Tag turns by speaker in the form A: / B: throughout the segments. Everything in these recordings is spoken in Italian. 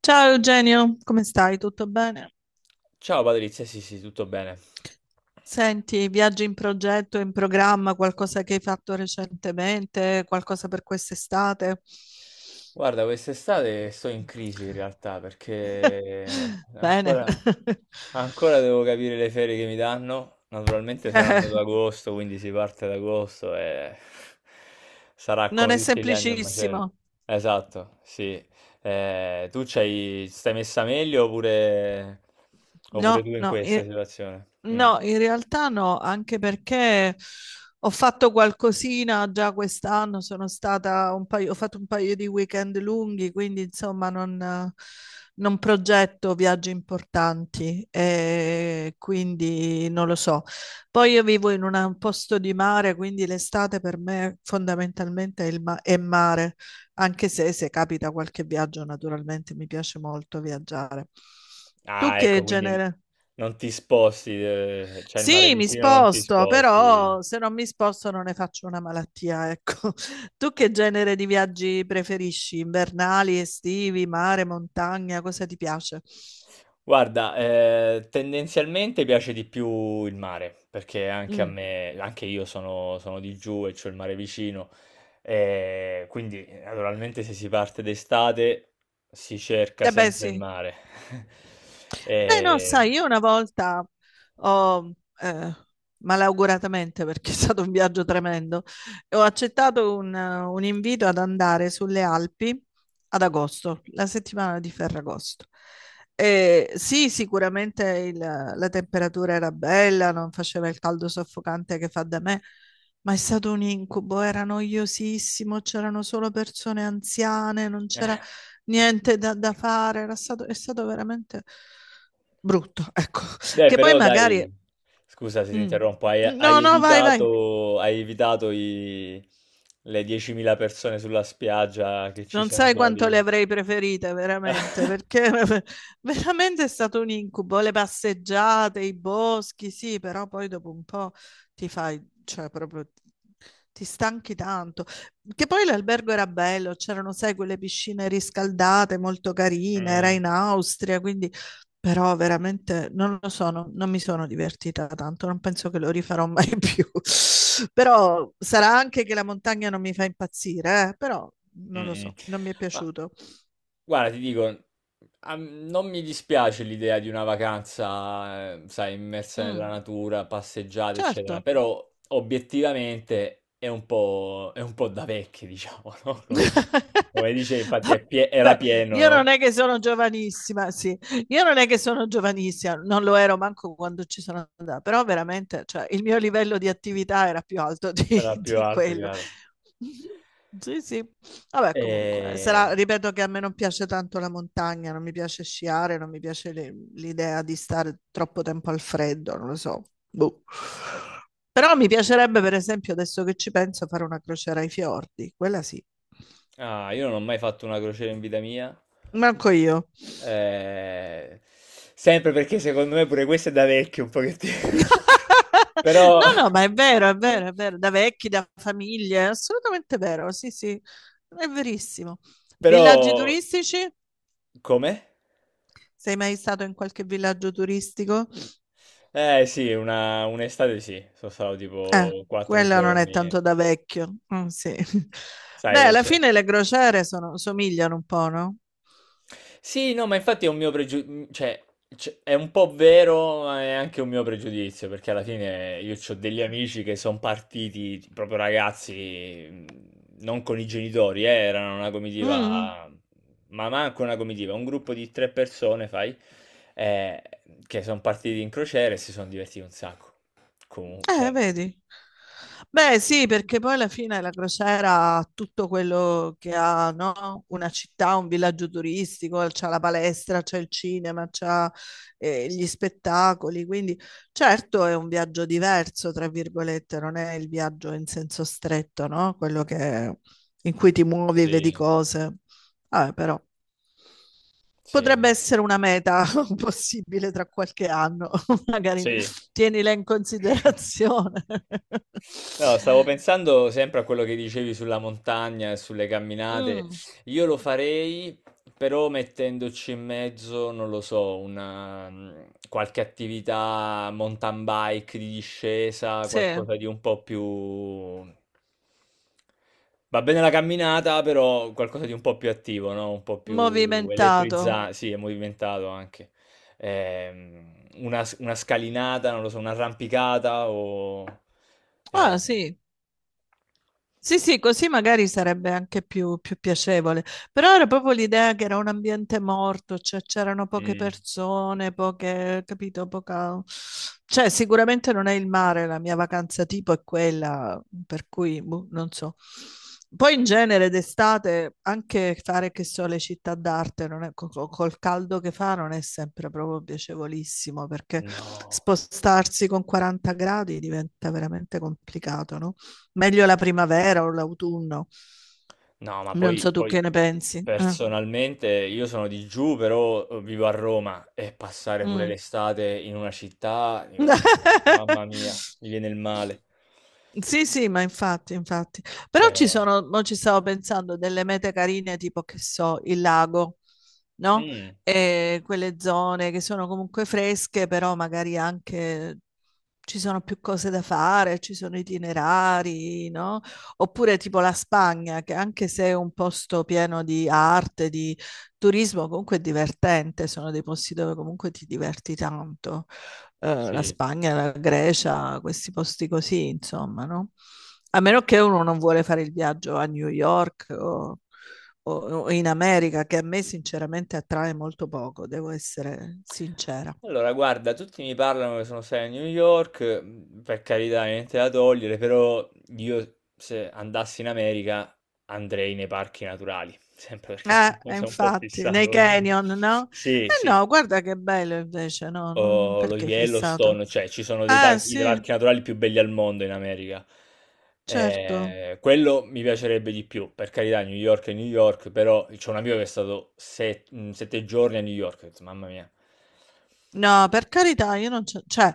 A: Ciao Eugenio, come stai? Tutto bene?
B: Ciao Patrizia, sì sì, tutto bene.
A: Senti, viaggi in progetto, in programma, qualcosa che hai fatto recentemente, qualcosa per quest'estate?
B: Guarda, quest'estate sto in crisi in realtà perché
A: Bene.
B: ancora, ancora devo capire le ferie che mi danno. Naturalmente
A: Eh,
B: saranno ad agosto, quindi si parte ad agosto e sarà
A: Non
B: come
A: è
B: tutti gli anni un macello.
A: semplicissimo.
B: Esatto, sì. Tu stai messa meglio, oppure tu
A: No,
B: in
A: no, i-
B: questa situazione? Mm.
A: No, in realtà no, anche perché ho fatto qualcosina già quest'anno, sono stata un paio, ho fatto un paio di weekend lunghi, quindi insomma non, non progetto viaggi importanti, e quindi non lo so. Poi io vivo in una- un posto di mare, quindi l'estate per me fondamentalmente è, il ma- è mare, anche se se capita qualche viaggio naturalmente mi piace molto viaggiare. Tu
B: Ah,
A: che
B: ecco, quindi
A: genere?
B: non ti sposti, c'è il mare
A: Sì, mi
B: vicino, non ti
A: sposto,
B: sposti.
A: però se non mi sposto non ne faccio una malattia, ecco. Tu che genere di viaggi preferisci? Invernali, estivi, mare, montagna? Cosa ti piace?
B: Guarda, tendenzialmente piace di più il mare, perché anche a
A: Mm.
B: me, anche io sono di giù e c'ho il mare vicino, quindi naturalmente se si parte d'estate si cerca
A: Eh beh,
B: sempre il
A: sì.
B: mare.
A: Beh, no,
B: Eh,
A: sai, io una volta ho, eh, malauguratamente, perché è stato un viaggio tremendo, ho accettato un invito ad andare sulle Alpi ad agosto, la settimana di Ferragosto. Sì, sicuramente il- la temperatura era bella, non faceva il caldo soffocante che fa da me, ma è stato un incubo, era noiosissimo, c'erano solo persone anziane, non c'era niente da, da fare, era stato, è stato veramente brutto, ecco,
B: Beh,
A: che poi
B: però dai,
A: magari...
B: scusa se ti
A: mm,
B: interrompo, hai,
A: No,
B: hai
A: no, vai, vai.
B: evitato, hai evitato i- le 10.000 persone sulla spiaggia che ci
A: Non
B: sono
A: sai quanto
B: soli.
A: le avrei preferite, veramente, perché veramente è stato un incubo. Le passeggiate, i boschi, sì, però poi dopo un po' ti fai, cioè proprio ti stanchi tanto. Che poi l'albergo era bello, c'erano, sai, quelle piscine riscaldate molto carine, era
B: Mm,
A: in Austria, quindi Però veramente non lo so, non, non mi sono divertita tanto, non penso che lo rifarò mai più. Però sarà anche che la montagna non mi fa impazzire, Però
B: mm,
A: non lo
B: mm.
A: so, non mi è
B: Ma
A: piaciuto.
B: guarda, ti dico, non mi dispiace l'idea di una vacanza, sai, immersa nella
A: Mm,
B: natura, passeggiate,
A: certo.
B: eccetera, però obiettivamente è un po' da vecchi, diciamo, no? Come dice, infatti era
A: Vabbè,
B: pieno,
A: io non
B: no?
A: è che sono giovanissima, sì, io non è che sono giovanissima, non lo ero manco quando ci sono andata, però veramente, cioè, il mio livello di attività era più alto di,
B: Era più
A: di
B: alto,
A: quello.
B: chiaro.
A: Sì, sì, vabbè, comunque,
B: E-
A: sarà, ripeto che a me non piace tanto la montagna, non mi piace sciare, non mi piace le- l'idea di stare troppo tempo al freddo, non lo so. Boh. Però mi piacerebbe, per esempio, adesso che ci penso, fare una crociera ai fiordi, quella sì.
B: Ah, io non ho mai fatto una crociera in vita mia.
A: Manco io.
B: Eh, Sempre perché secondo me pure questo è da vecchio un pochettino. Però...
A: No, no, ma è vero, è vero, è vero, da vecchi, da famiglie, è assolutamente vero, sì, sì, è verissimo.
B: Però.
A: Villaggi turistici?
B: Come?
A: Sei mai stato in qualche villaggio turistico?
B: Eh sì, un'estate sì. Sono stato tipo quattro
A: Quella non è
B: giorni.
A: tanto da vecchio. Mm, sì. Beh,
B: Sai,
A: alla
B: cioè...
A: fine le crociere sono- somigliano un po', no?
B: Sì, no, ma infatti è un mio pregiudizio, cioè, è un po' vero, ma è anche un mio pregiudizio, perché alla fine io ho degli amici che sono partiti proprio ragazzi, non con i genitori, erano una
A: Mm,
B: comitiva, ma manco una comitiva, un gruppo di tre persone, fai, eh, che sono partiti in crociera e si sono divertiti un sacco. Comunque, cioè,
A: vedi. Beh, sì, perché poi alla fine la crociera ha tutto quello che ha, no? Una città, un villaggio turistico, c'ha la palestra, c'è il cinema, c'ha gli spettacoli, quindi certo è un viaggio diverso, tra virgolette, non è il viaggio in senso stretto, no? Quello che, in cui ti muovi e vedi
B: sì,
A: cose. Vabbè, però
B: sì,
A: potrebbe
B: no.
A: essere una meta possibile tra qualche anno, magari
B: Sì.
A: tienila in considerazione.
B: No, stavo pensando sempre a quello che dicevi sulla montagna e sulle camminate.
A: Mm,
B: Io lo farei, però mettendoci in mezzo, non lo so, qualche attività mountain bike di discesa,
A: sì,
B: qualcosa di un po' più... Va bene la camminata, però qualcosa di un po' più attivo, no? Un po' più
A: movimentato.
B: elettrizzante, sì, e movimentato anche ehm, una scalinata, non lo so, un'arrampicata o...
A: Ah,
B: eh,
A: sì, Sì, sì, così magari sarebbe anche più, più piacevole, però era proprio l'idea che era un ambiente morto, cioè c'erano poche
B: Mm.
A: persone, poche, capito, poca... Cioè sicuramente non è il mare, la mia vacanza tipo è quella, per cui boh, non so. Poi in genere d'estate anche fare che so le città d'arte, non è- co- co- col caldo che fa non è sempre proprio piacevolissimo, perché
B: No,
A: spostarsi con 40 gradi diventa veramente complicato, no? Meglio la primavera o l'autunno.
B: no, ma
A: Non
B: poi,
A: so
B: Mm.
A: tu che
B: poi
A: ne pensi.
B: personalmente io sono di giù, però vivo a Roma e passare pure
A: Mm.
B: l'estate in una città, dico, "No, mamma mia, mi viene il male.
A: Sì, sì, ma infatti, infatti. Però ci
B: Cioè,
A: sono, mo ci stavo pensando, delle mete carine, tipo, che so, il lago, no?
B: mm,
A: E quelle zone che sono comunque fresche, però magari anche ci sono più cose da fare, ci sono itinerari, no? Oppure tipo la Spagna, che anche se è un posto pieno di arte, di turismo, comunque è divertente, sono dei posti dove comunque ti diverti tanto la
B: sì.
A: Spagna, la Grecia, questi posti così, insomma, no? A meno che uno non vuole fare il viaggio a New York o- o in America, che a me sinceramente attrae molto poco, devo essere sincera.
B: Allora, guarda, tutti mi parlano che sono stati a New York, per carità, niente da togliere, però io se andassi in America andrei nei parchi naturali, sempre perché sono, sono un po'
A: Infatti, nei
B: fissato.
A: canyon, no?
B: Sì,
A: Eh
B: sì,
A: no, guarda che bello invece, no? Mm,
B: o lo
A: Perché fissato?
B: Yellowstone, cioè ci sono dei
A: Ah,
B: parchi, i
A: sì,
B: parchi naturali più belli al mondo in America.
A: certo.
B: Quello mi piacerebbe di più, per carità, New York è New York, però c'è un amico che è stato 7 giorni a New York, ho detto, mamma mia.
A: No, per carità, io non c'è, cioè,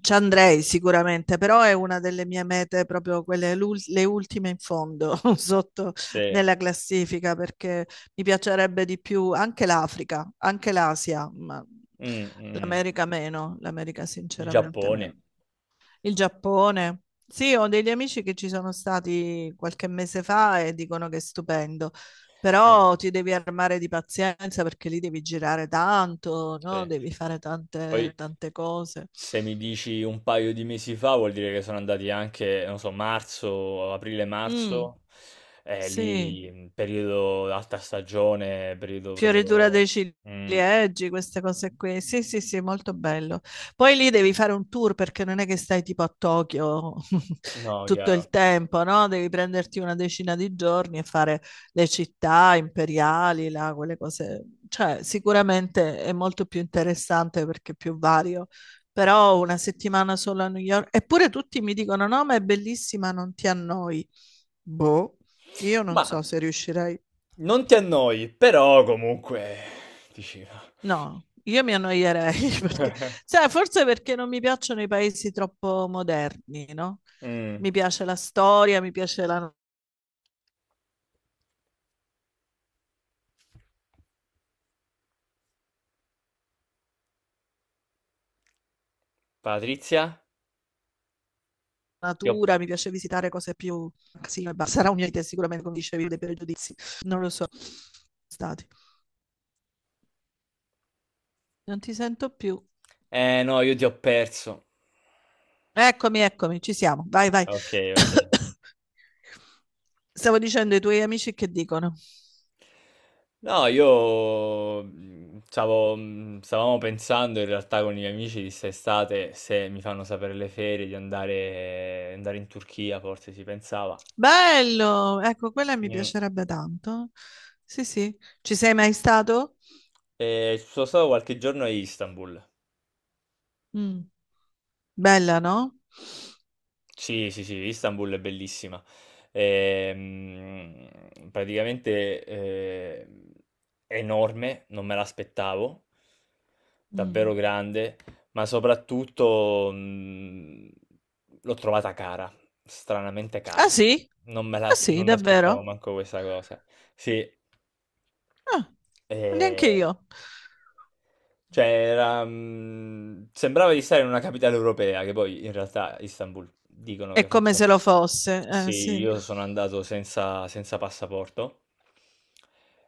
A: ci andrei sicuramente, però è una delle mie mete, proprio quelle, l'ul- le ultime in fondo, sotto
B: Sì.
A: nella classifica, perché mi piacerebbe di più anche l'Africa, anche l'Asia, ma
B: Mh, mh.
A: l'America meno, l'America
B: Il Però
A: sinceramente
B: Giappone.
A: meno. Il Giappone. Sì, ho degli amici che ci sono stati qualche mese fa e dicono che è stupendo,
B: Eh,
A: però ti devi armare di pazienza perché lì devi girare tanto, no?
B: sì.
A: Devi fare tante,
B: Poi
A: tante cose.
B: se mi dici un paio di mesi fa vuol dire che sono andati anche, non so, marzo,
A: Mm,
B: aprile-marzo, e
A: sì,
B: lì, periodo alta stagione, periodo
A: Fioritura dei
B: proprio mh,
A: ciliegi, queste cose qui. Sì, sì, sì, molto bello. Poi lì devi fare un tour perché non è che stai tipo a Tokyo
B: no,
A: tutto il
B: chiaro.
A: tempo, no? Devi prenderti una 10 di giorni e fare le città imperiali, là, quelle cose. Cioè, sicuramente è molto più interessante perché è più vario. Però una settimana solo a New York. Eppure tutti mi dicono: no, ma è bellissima, non ti annoi. Boh, io non
B: Ma
A: so se riuscirei.
B: non ti annoi, però comunque dici
A: No, io mi annoierei perché, sai, forse perché non mi piacciono i paesi troppo moderni, no?
B: Mh.
A: Mi piace la storia, mi piace la
B: Patrizia? Ti ho
A: natura, mi piace visitare cose più... Sì, ma sarà un'idea sicuramente, come dicevi, dei pregiudizi. Non lo so. Stati. Non ti sento più.
B: eh no, io ti ho perso.
A: Eccomi, eccomi, ci siamo. Vai, vai.
B: Okay, okay.
A: Stavo dicendo ai tuoi amici che dicono.
B: No, io stavamo pensando in realtà con i miei amici di quest'estate se mi fanno sapere le ferie di andare in Turchia, forse si pensava.
A: Bello! Ecco, quella mi
B: Mm.
A: piacerebbe tanto. Sì, sì. Ci sei mai stato?
B: E ci sono stato qualche giorno a Istanbul.
A: Mm. Bella, no?
B: Sì, sì, sì, Istanbul è bellissima. Praticamente è enorme, non me l'aspettavo, davvero
A: Mm.
B: grande, ma soprattutto l'ho trovata cara, stranamente
A: Ah
B: cara.
A: sì?
B: Non me
A: Ah
B: la-
A: sì,
B: Non mi aspettavo
A: davvero?
B: manco questa cosa. Sì.
A: Ah, neanche
B: Eh,
A: io.
B: cioè, era, sembrava di stare in una capitale europea, che poi in realtà Istanbul dicono
A: È
B: che
A: come
B: faccia...
A: se lo fosse.
B: Sì,
A: Sì.
B: io sono andato senza, passaporto,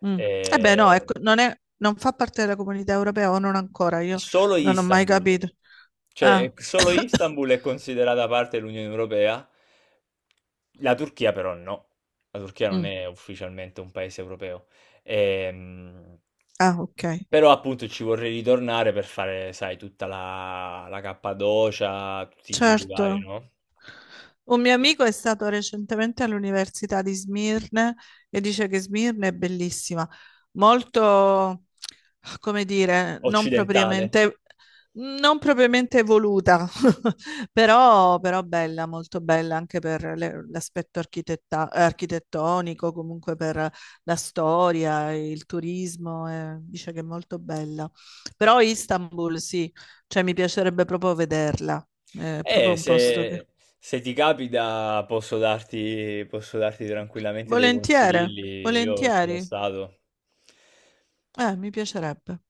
A: Mm. Eh beh, no,
B: e...
A: ecco, non è- non fa parte della comunità europea o non ancora, io
B: Solo
A: non ho mai
B: Istanbul.
A: capito.
B: Cioè,
A: Ah,
B: solo Istanbul è considerata parte dell'Unione Europea, la Turchia però no. La Turchia non
A: Mm.
B: è ufficialmente un paese europeo. Ehm,
A: Ah, ok.
B: però appunto ci vorrei ritornare per fare, sai, tutta la Cappadocia, tutti i giri
A: Certo.
B: vari, no?
A: Un mio amico è stato recentemente all'Università di Smirne e dice che Smirne è bellissima, molto, come dire, non
B: Occidentale.
A: propriamente, non propriamente evoluta, però, però bella, molto bella anche per le- l'aspetto architetta- architettonico, comunque per la storia, il turismo, dice che è molto bella. Però Istanbul sì, cioè mi piacerebbe proprio vederla, è proprio
B: E
A: un
B: se,
A: posto che
B: se ti capita posso darti tranquillamente dei
A: Volentieri,
B: consigli, io ci sono
A: volentieri.
B: stato.
A: Mi piacerebbe.